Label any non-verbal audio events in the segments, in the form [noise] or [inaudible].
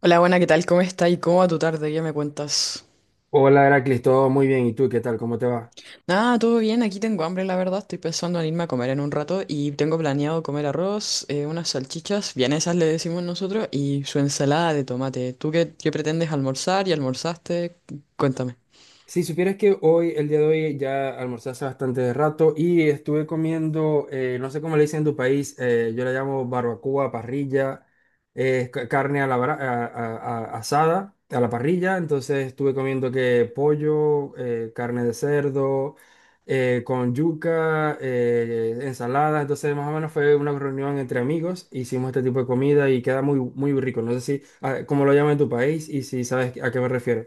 Hola, buena, ¿qué tal? ¿Cómo estás? ¿Y cómo va tu tarde? ¿Qué me cuentas? Hola, Heracles, todo muy bien. ¿Y tú qué tal? ¿Cómo te va? Nada, todo bien, aquí tengo hambre, la verdad. Estoy pensando en irme a comer en un rato y tengo planeado comer arroz, unas salchichas, vienesas le decimos nosotros, y su ensalada de tomate. ¿Tú qué pretendes almorzar y almorzaste? Cuéntame. Si supieras que hoy, el día de hoy, ya almorcé hace bastante rato y estuve comiendo, no sé cómo le dicen en tu país. Yo la llamo barbacoa, parrilla, carne a la, bra- a- asada, a la parrilla. Entonces estuve comiendo que pollo, carne de cerdo, con yuca, ensalada. Entonces más o menos fue una reunión entre amigos, hicimos este tipo de comida y queda muy, muy rico. No sé si, ah, cómo lo llaman en tu país y si sabes a qué me refiero.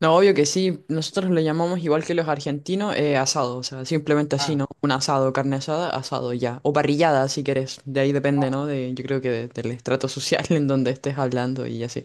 No, obvio que sí, nosotros le llamamos igual que los argentinos, asado, o sea, simplemente así, Ah, ¿no? Un asado, carne asada, asado ya. O parrillada, si querés. De ahí depende, ¿no? De, yo creo que del estrato social [laughs] en donde estés hablando y así.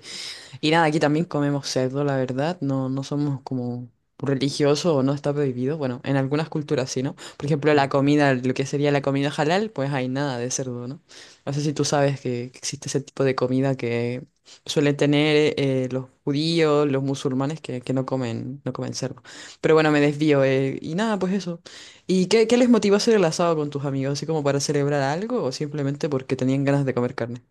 Y nada, aquí también comemos cerdo, la verdad. No, no somos como religiosos o no está prohibido. Bueno, en algunas culturas sí, ¿no? Por ejemplo, la ah. comida, lo que sería la comida halal, pues hay nada de cerdo, ¿no? No sé si tú sabes que existe ese tipo de comida que suelen tener los judíos, los musulmanes que no comen, no comen cerdo. Pero bueno, me desvío. Y nada, pues eso. ¿Y qué les motivó a hacer el asado con tus amigos? ¿Así como para celebrar algo o simplemente porque tenían ganas de comer carne?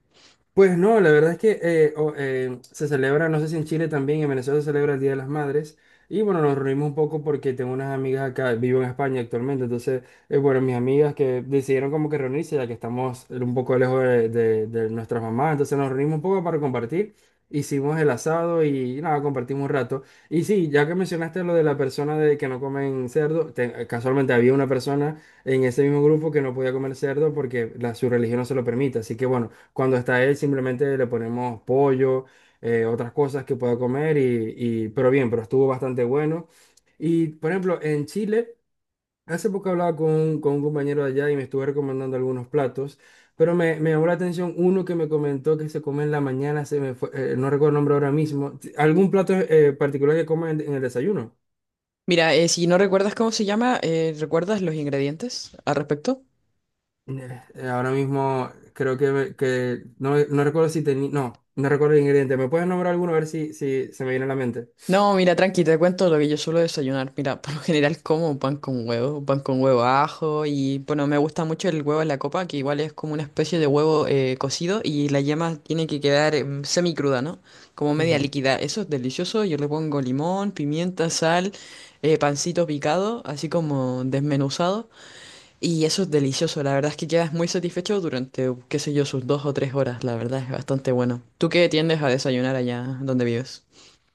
Pues no, la verdad es que se celebra, no sé si en Chile también, en Venezuela se celebra el Día de las Madres. Y bueno, nos reunimos un poco porque tengo unas amigas acá, vivo en España actualmente. Entonces, bueno, mis amigas que decidieron como que reunirse, ya que estamos un poco lejos de nuestras mamás. Entonces nos reunimos un poco para compartir. Hicimos el asado y nada, compartimos un rato. Y sí, ya que mencionaste lo de la persona de que no comen cerdo, casualmente había una persona en ese mismo grupo que no podía comer cerdo porque su religión no se lo permite. Así que bueno. Cuando está él, simplemente le ponemos pollo, otras cosas que pueda comer, pero bien, pero estuvo bastante bueno. Y, por ejemplo, en Chile, hace poco hablaba con un compañero de allá y me estuve recomendando algunos platos, pero me llamó la atención uno que me comentó que se come en la mañana. No recuerdo el nombre ahora mismo. ¿Algún plato particular que comen en el desayuno? Mira, si no recuerdas cómo se llama, ¿recuerdas los ingredientes al respecto? Ahora mismo creo que, que no, no recuerdo si tenía, no, no recuerdo el ingrediente. ¿Me puedes nombrar alguno a ver si, si se me viene a la mente? No, mira, tranqui, te cuento lo que yo suelo desayunar. Mira, por lo general como pan con huevo ajo y bueno, me gusta mucho el huevo en la copa, que igual es como una especie de huevo cocido y la yema tiene que quedar semicruda, ¿no? Como media líquida. Eso es delicioso, yo le pongo limón, pimienta, sal, pancito picado, así como desmenuzado. Y eso es delicioso, la verdad es que quedas muy satisfecho durante, qué sé yo, sus dos o tres horas, la verdad es bastante bueno. ¿Tú qué tiendes a desayunar allá donde vives?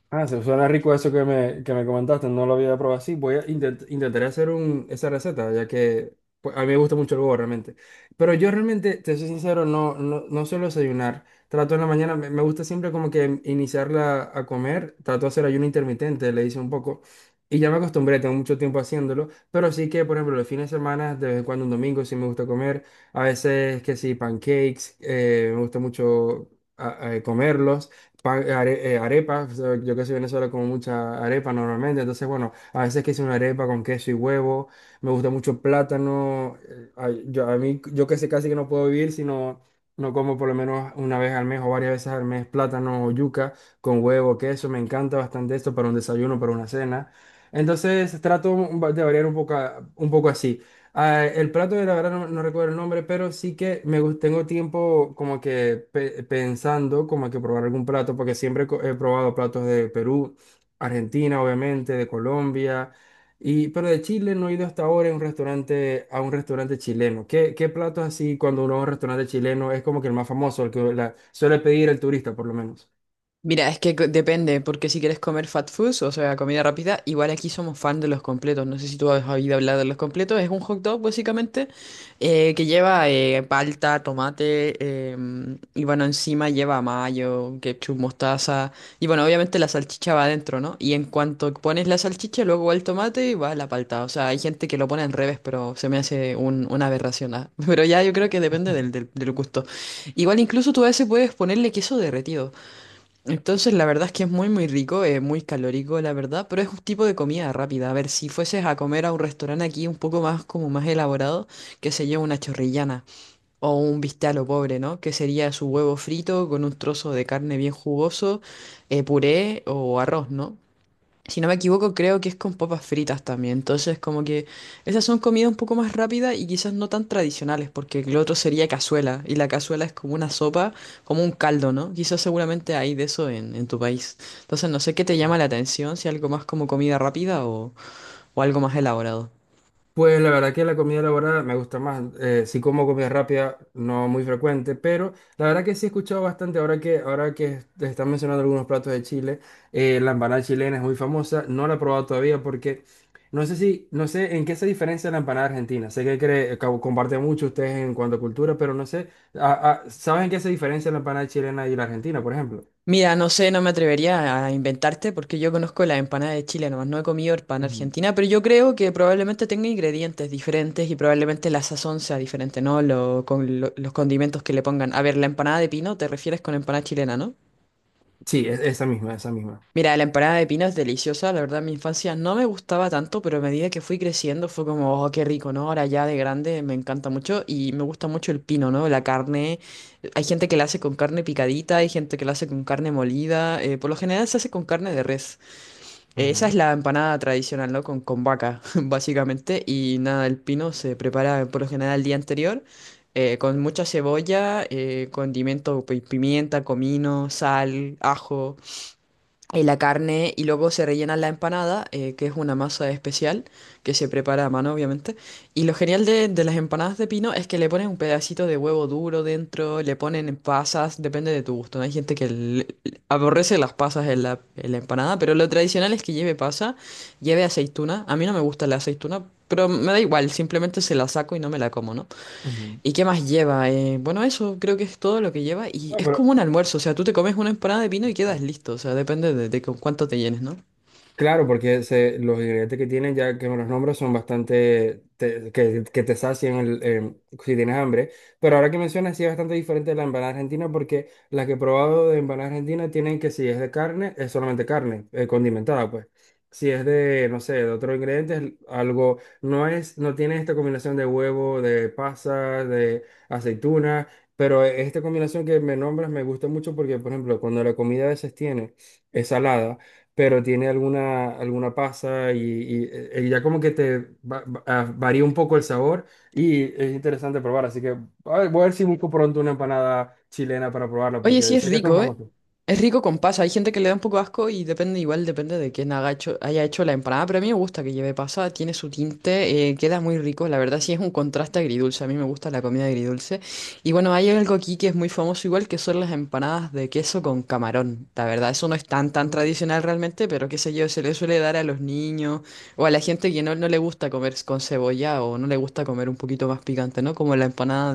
Ah, se suena rico eso que me comentaste, no lo había probado así. Voy a intentaré hacer un, esa receta, ya que pues, a mí me gusta mucho el huevo realmente. Pero yo realmente, te soy sincero, no suelo desayunar. Trato en la mañana, me gusta siempre como que iniciarla a comer. Trato de hacer ayuno intermitente, le hice un poco. Y ya me acostumbré, tengo mucho tiempo haciéndolo. Pero sí que, por ejemplo, los fines de semana, de vez en cuando un domingo sí me gusta comer. A veces que sí, pancakes, me gusta mucho comerlos arepas. Yo que soy venezolano como mucha arepa normalmente, entonces bueno, a veces que hice una arepa con queso y huevo. Me gusta mucho el plátano, ay, yo, a mí, yo que sé casi que no puedo vivir si no, no como por lo menos una vez al mes o varias veces al mes plátano o yuca con huevo, queso. Me encanta bastante esto para un desayuno, para una cena. Entonces trato de variar un poco, un poco así. Ah, el plato de la verdad no, no recuerdo el nombre, pero sí que tengo tiempo como que pensando como que probar algún plato, porque siempre he probado platos de Perú, Argentina, obviamente, de Colombia, y, pero de Chile no he ido hasta ahora a un restaurante chileno. ¿Qué, qué platos así cuando uno va a un restaurante chileno es como que el más famoso, el que suele pedir el turista por lo menos? Mira, es que depende, porque si quieres comer fat food, o sea, comida rápida, igual aquí somos fan de los completos. No sé si tú has oído hablar de los completos. Es un hot dog, básicamente, que lleva palta, tomate, y bueno, encima lleva mayo, ketchup, mostaza. Y bueno, obviamente la salchicha va adentro, ¿no? Y en cuanto pones la salchicha, luego va el tomate y va la palta. O sea, hay gente que lo pone al revés, pero se me hace una aberración. Ah. [laughs] Pero ya yo creo que depende del gusto. Igual incluso tú a veces puedes ponerle queso derretido. Entonces, la verdad es que es muy, muy rico, muy calórico, la verdad, pero es un tipo de comida rápida. A ver, si fueses a comer a un restaurante aquí un poco más, como más elaborado, que se lleva una chorrillana o un bistec a lo pobre, ¿no? Que sería su huevo frito con un trozo de carne bien jugoso, puré o arroz, ¿no? Si no me equivoco, creo que es con papas fritas también. Entonces, como que esas son comidas un poco más rápidas y quizás no tan tradicionales, porque lo otro sería cazuela. Y la cazuela es como una sopa, como un caldo, ¿no? Quizás seguramente hay de eso en tu país. Entonces, no sé qué te llama la atención, si algo más como comida rápida o algo más elaborado. Pues la verdad que la comida elaborada me gusta más. Sí como comida rápida, no muy frecuente, pero la verdad que sí he escuchado bastante ahora que te están mencionando algunos platos de Chile. La empanada chilena es muy famosa. No la he probado todavía porque no sé si, no sé en qué se diferencia la empanada argentina. Sé que cree, comparten mucho ustedes en cuanto a cultura, pero no sé. Ah, ah, ¿saben en qué se diferencia la empanada chilena y la argentina, por ejemplo? Mira, no sé, no me atrevería a inventarte porque yo conozco la empanada de Chile, nomás no he comido empanada Ujú. argentina, pero yo creo que probablemente tenga ingredientes diferentes y probablemente la sazón sea diferente, ¿no? Con los condimentos que le pongan. A ver, la empanada de pino, te refieres con empanada chilena, ¿no? Sí, esa misma, esa misma. Mira, la empanada de pino es deliciosa, la verdad en mi infancia no me gustaba tanto, pero a medida que fui creciendo fue como, oh, qué rico, ¿no? Ahora ya de grande me encanta mucho y me gusta mucho el pino, ¿no? La carne, hay gente que la hace con carne picadita, hay gente que la hace con carne molida, por lo general se hace con carne de res. Esa Ujú, es la empanada tradicional, ¿no? Con vaca, [laughs] básicamente, y nada, el pino se prepara por lo general el día anterior. Con mucha cebolla, condimento, pimienta, comino, sal, ajo la carne y luego se rellena la empanada, que es una masa especial que se prepara a mano, obviamente. Y lo genial de las empanadas de pino es que le ponen un pedacito de huevo duro dentro, le ponen pasas, depende de tu gusto. ¿No? Hay gente que le- aborrece las pasas en la empanada, pero lo tradicional es que lleve pasa, lleve aceituna. A mí no me gusta la aceituna, pero me da igual, simplemente se la saco y no me la como, ¿no? ujú. ¿Y qué más lleva? Bueno, eso creo que es todo lo que lleva y Ah, es pero como un almuerzo, o sea, tú te comes una empanada de pino y quedas ok. listo, o sea, depende de con cuánto te llenes, ¿no? Claro, porque los ingredientes que tienen, ya que me los nombro, son que te sacian el, si tienes hambre. Pero ahora que mencionas, sí es bastante diferente de la empanada argentina, porque la que he probado de empanada argentina tienen que si es de carne, es solamente carne, condimentada, pues. Si es de, no sé, de otro ingrediente, es algo, no es, no tiene esta combinación de huevo, de pasa, de aceituna, pero esta combinación que me nombras me gusta mucho porque, por ejemplo, cuando la comida a veces tiene, es salada pero tiene alguna, alguna pasa ya como que te varía un poco el sabor y es interesante probar. Así que a ver, voy a ver si busco pronto una empanada chilena para probarla Oye, sí porque es sé que son rico, ¿eh? famosos. Es rico con pasa. Hay gente que le da un poco de asco y depende, igual depende de quién haga hecho, haya hecho la empanada, pero a mí me gusta que lleve pasa, tiene su tinte, queda muy rico. La verdad sí es un contraste agridulce. A mí me gusta la comida agridulce. Y bueno, hay algo aquí que es muy famoso, igual que son las empanadas de queso con camarón. La verdad, eso no es tan tan Mm, tradicional realmente, pero qué sé yo, se le suele dar a los niños o a la gente que no, no le gusta comer con cebolla o no le gusta comer un poquito más picante, ¿no? Como la empanada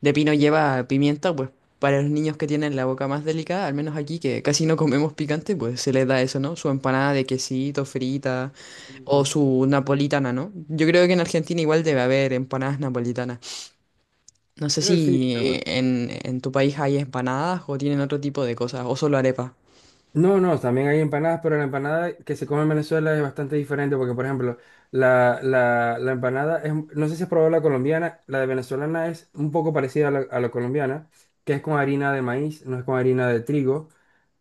de pino lleva pimienta, pues para los niños que tienen la boca más delicada, al menos aquí que casi no comemos picante, pues se les da eso, ¿no? Su empanada de quesito, frita, mm, o ¿no? su napolitana, ¿no? Yo creo que en Argentina igual debe haber empanadas napolitanas. No sé Sí, si seguro. En tu país hay empanadas o tienen otro tipo de cosas, o solo arepas. No, no, también hay empanadas, pero la empanada que se come en Venezuela es bastante diferente porque, por ejemplo, la empanada es, no sé si has probado la colombiana, la de venezolana es un poco parecida a la colombiana, que es con harina de maíz, no es con harina de trigo.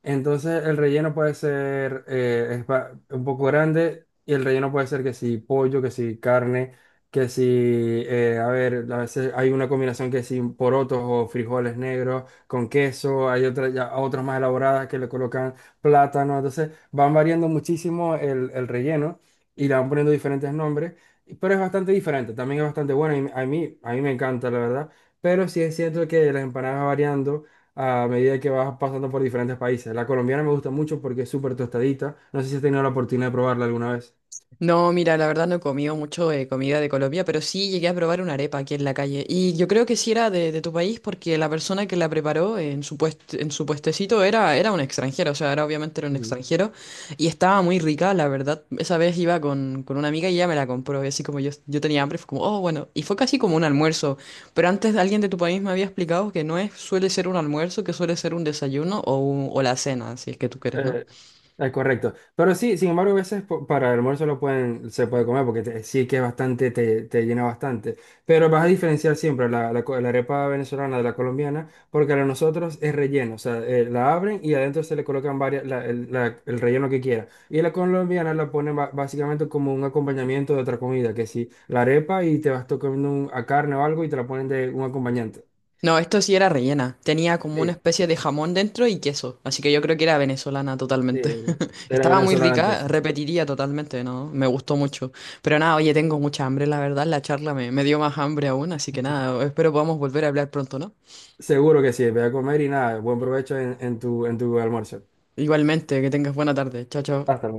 Entonces el relleno puede ser un poco grande y el relleno puede ser que si pollo, que si carne, que si, a ver, a veces hay una combinación que si porotos o frijoles negros con queso, hay otras ya otras más elaboradas que le colocan plátano. Entonces van variando muchísimo el relleno y le van poniendo diferentes nombres, pero es bastante diferente, también es bastante bueno a mí me encanta, la verdad. Pero sí es cierto que las empanadas van variando a medida que vas pasando por diferentes países. La colombiana me gusta mucho porque es súper tostadita. No sé si has tenido la oportunidad de probarla alguna vez. No, mira, la verdad no he comido mucho comida de Colombia, pero sí llegué a probar una arepa aquí en la calle. Y yo creo que sí era de tu país porque la persona que la preparó en su en su puestecito era, era un extranjero, o sea, era obviamente era un extranjero y estaba muy rica, la verdad. Esa vez iba con una amiga y ella me la compró y así como yo tenía hambre, fue como, oh, bueno, y fue casi como un almuerzo. Pero antes alguien de tu país me había explicado que no es, suele ser un almuerzo, que suele ser un desayuno o, o la cena, si es que tú quieres, ¿no? Eh, correcto. Pero sí, sin embargo, a veces para el almuerzo lo pueden, se puede comer porque sí que es bastante, te llena bastante. Pero vas a diferenciar siempre la arepa venezolana de la colombiana porque la de nosotros es relleno. O sea, la abren y adentro se le colocan varias, el relleno que quiera. Y la colombiana la ponen básicamente como un acompañamiento de otra comida, que si la arepa y te vas comiendo a carne o algo y te la ponen de un acompañante. No, esto sí era rellena. Tenía como una Sí, especie de jamón dentro y queso. Así que yo creo que era venezolana sí, totalmente. de [laughs] la Estaba muy venezolana rica, entonces. repetiría totalmente, ¿no? Me gustó mucho. Pero nada, oye, tengo mucha hambre, la verdad. La charla me dio más hambre aún. Así que nada, espero podamos volver a hablar pronto, ¿no? Seguro que sí, ve a comer y nada, buen provecho en tu almuerzo. Igualmente, que tengas buena tarde. Chao, chao. Hasta luego.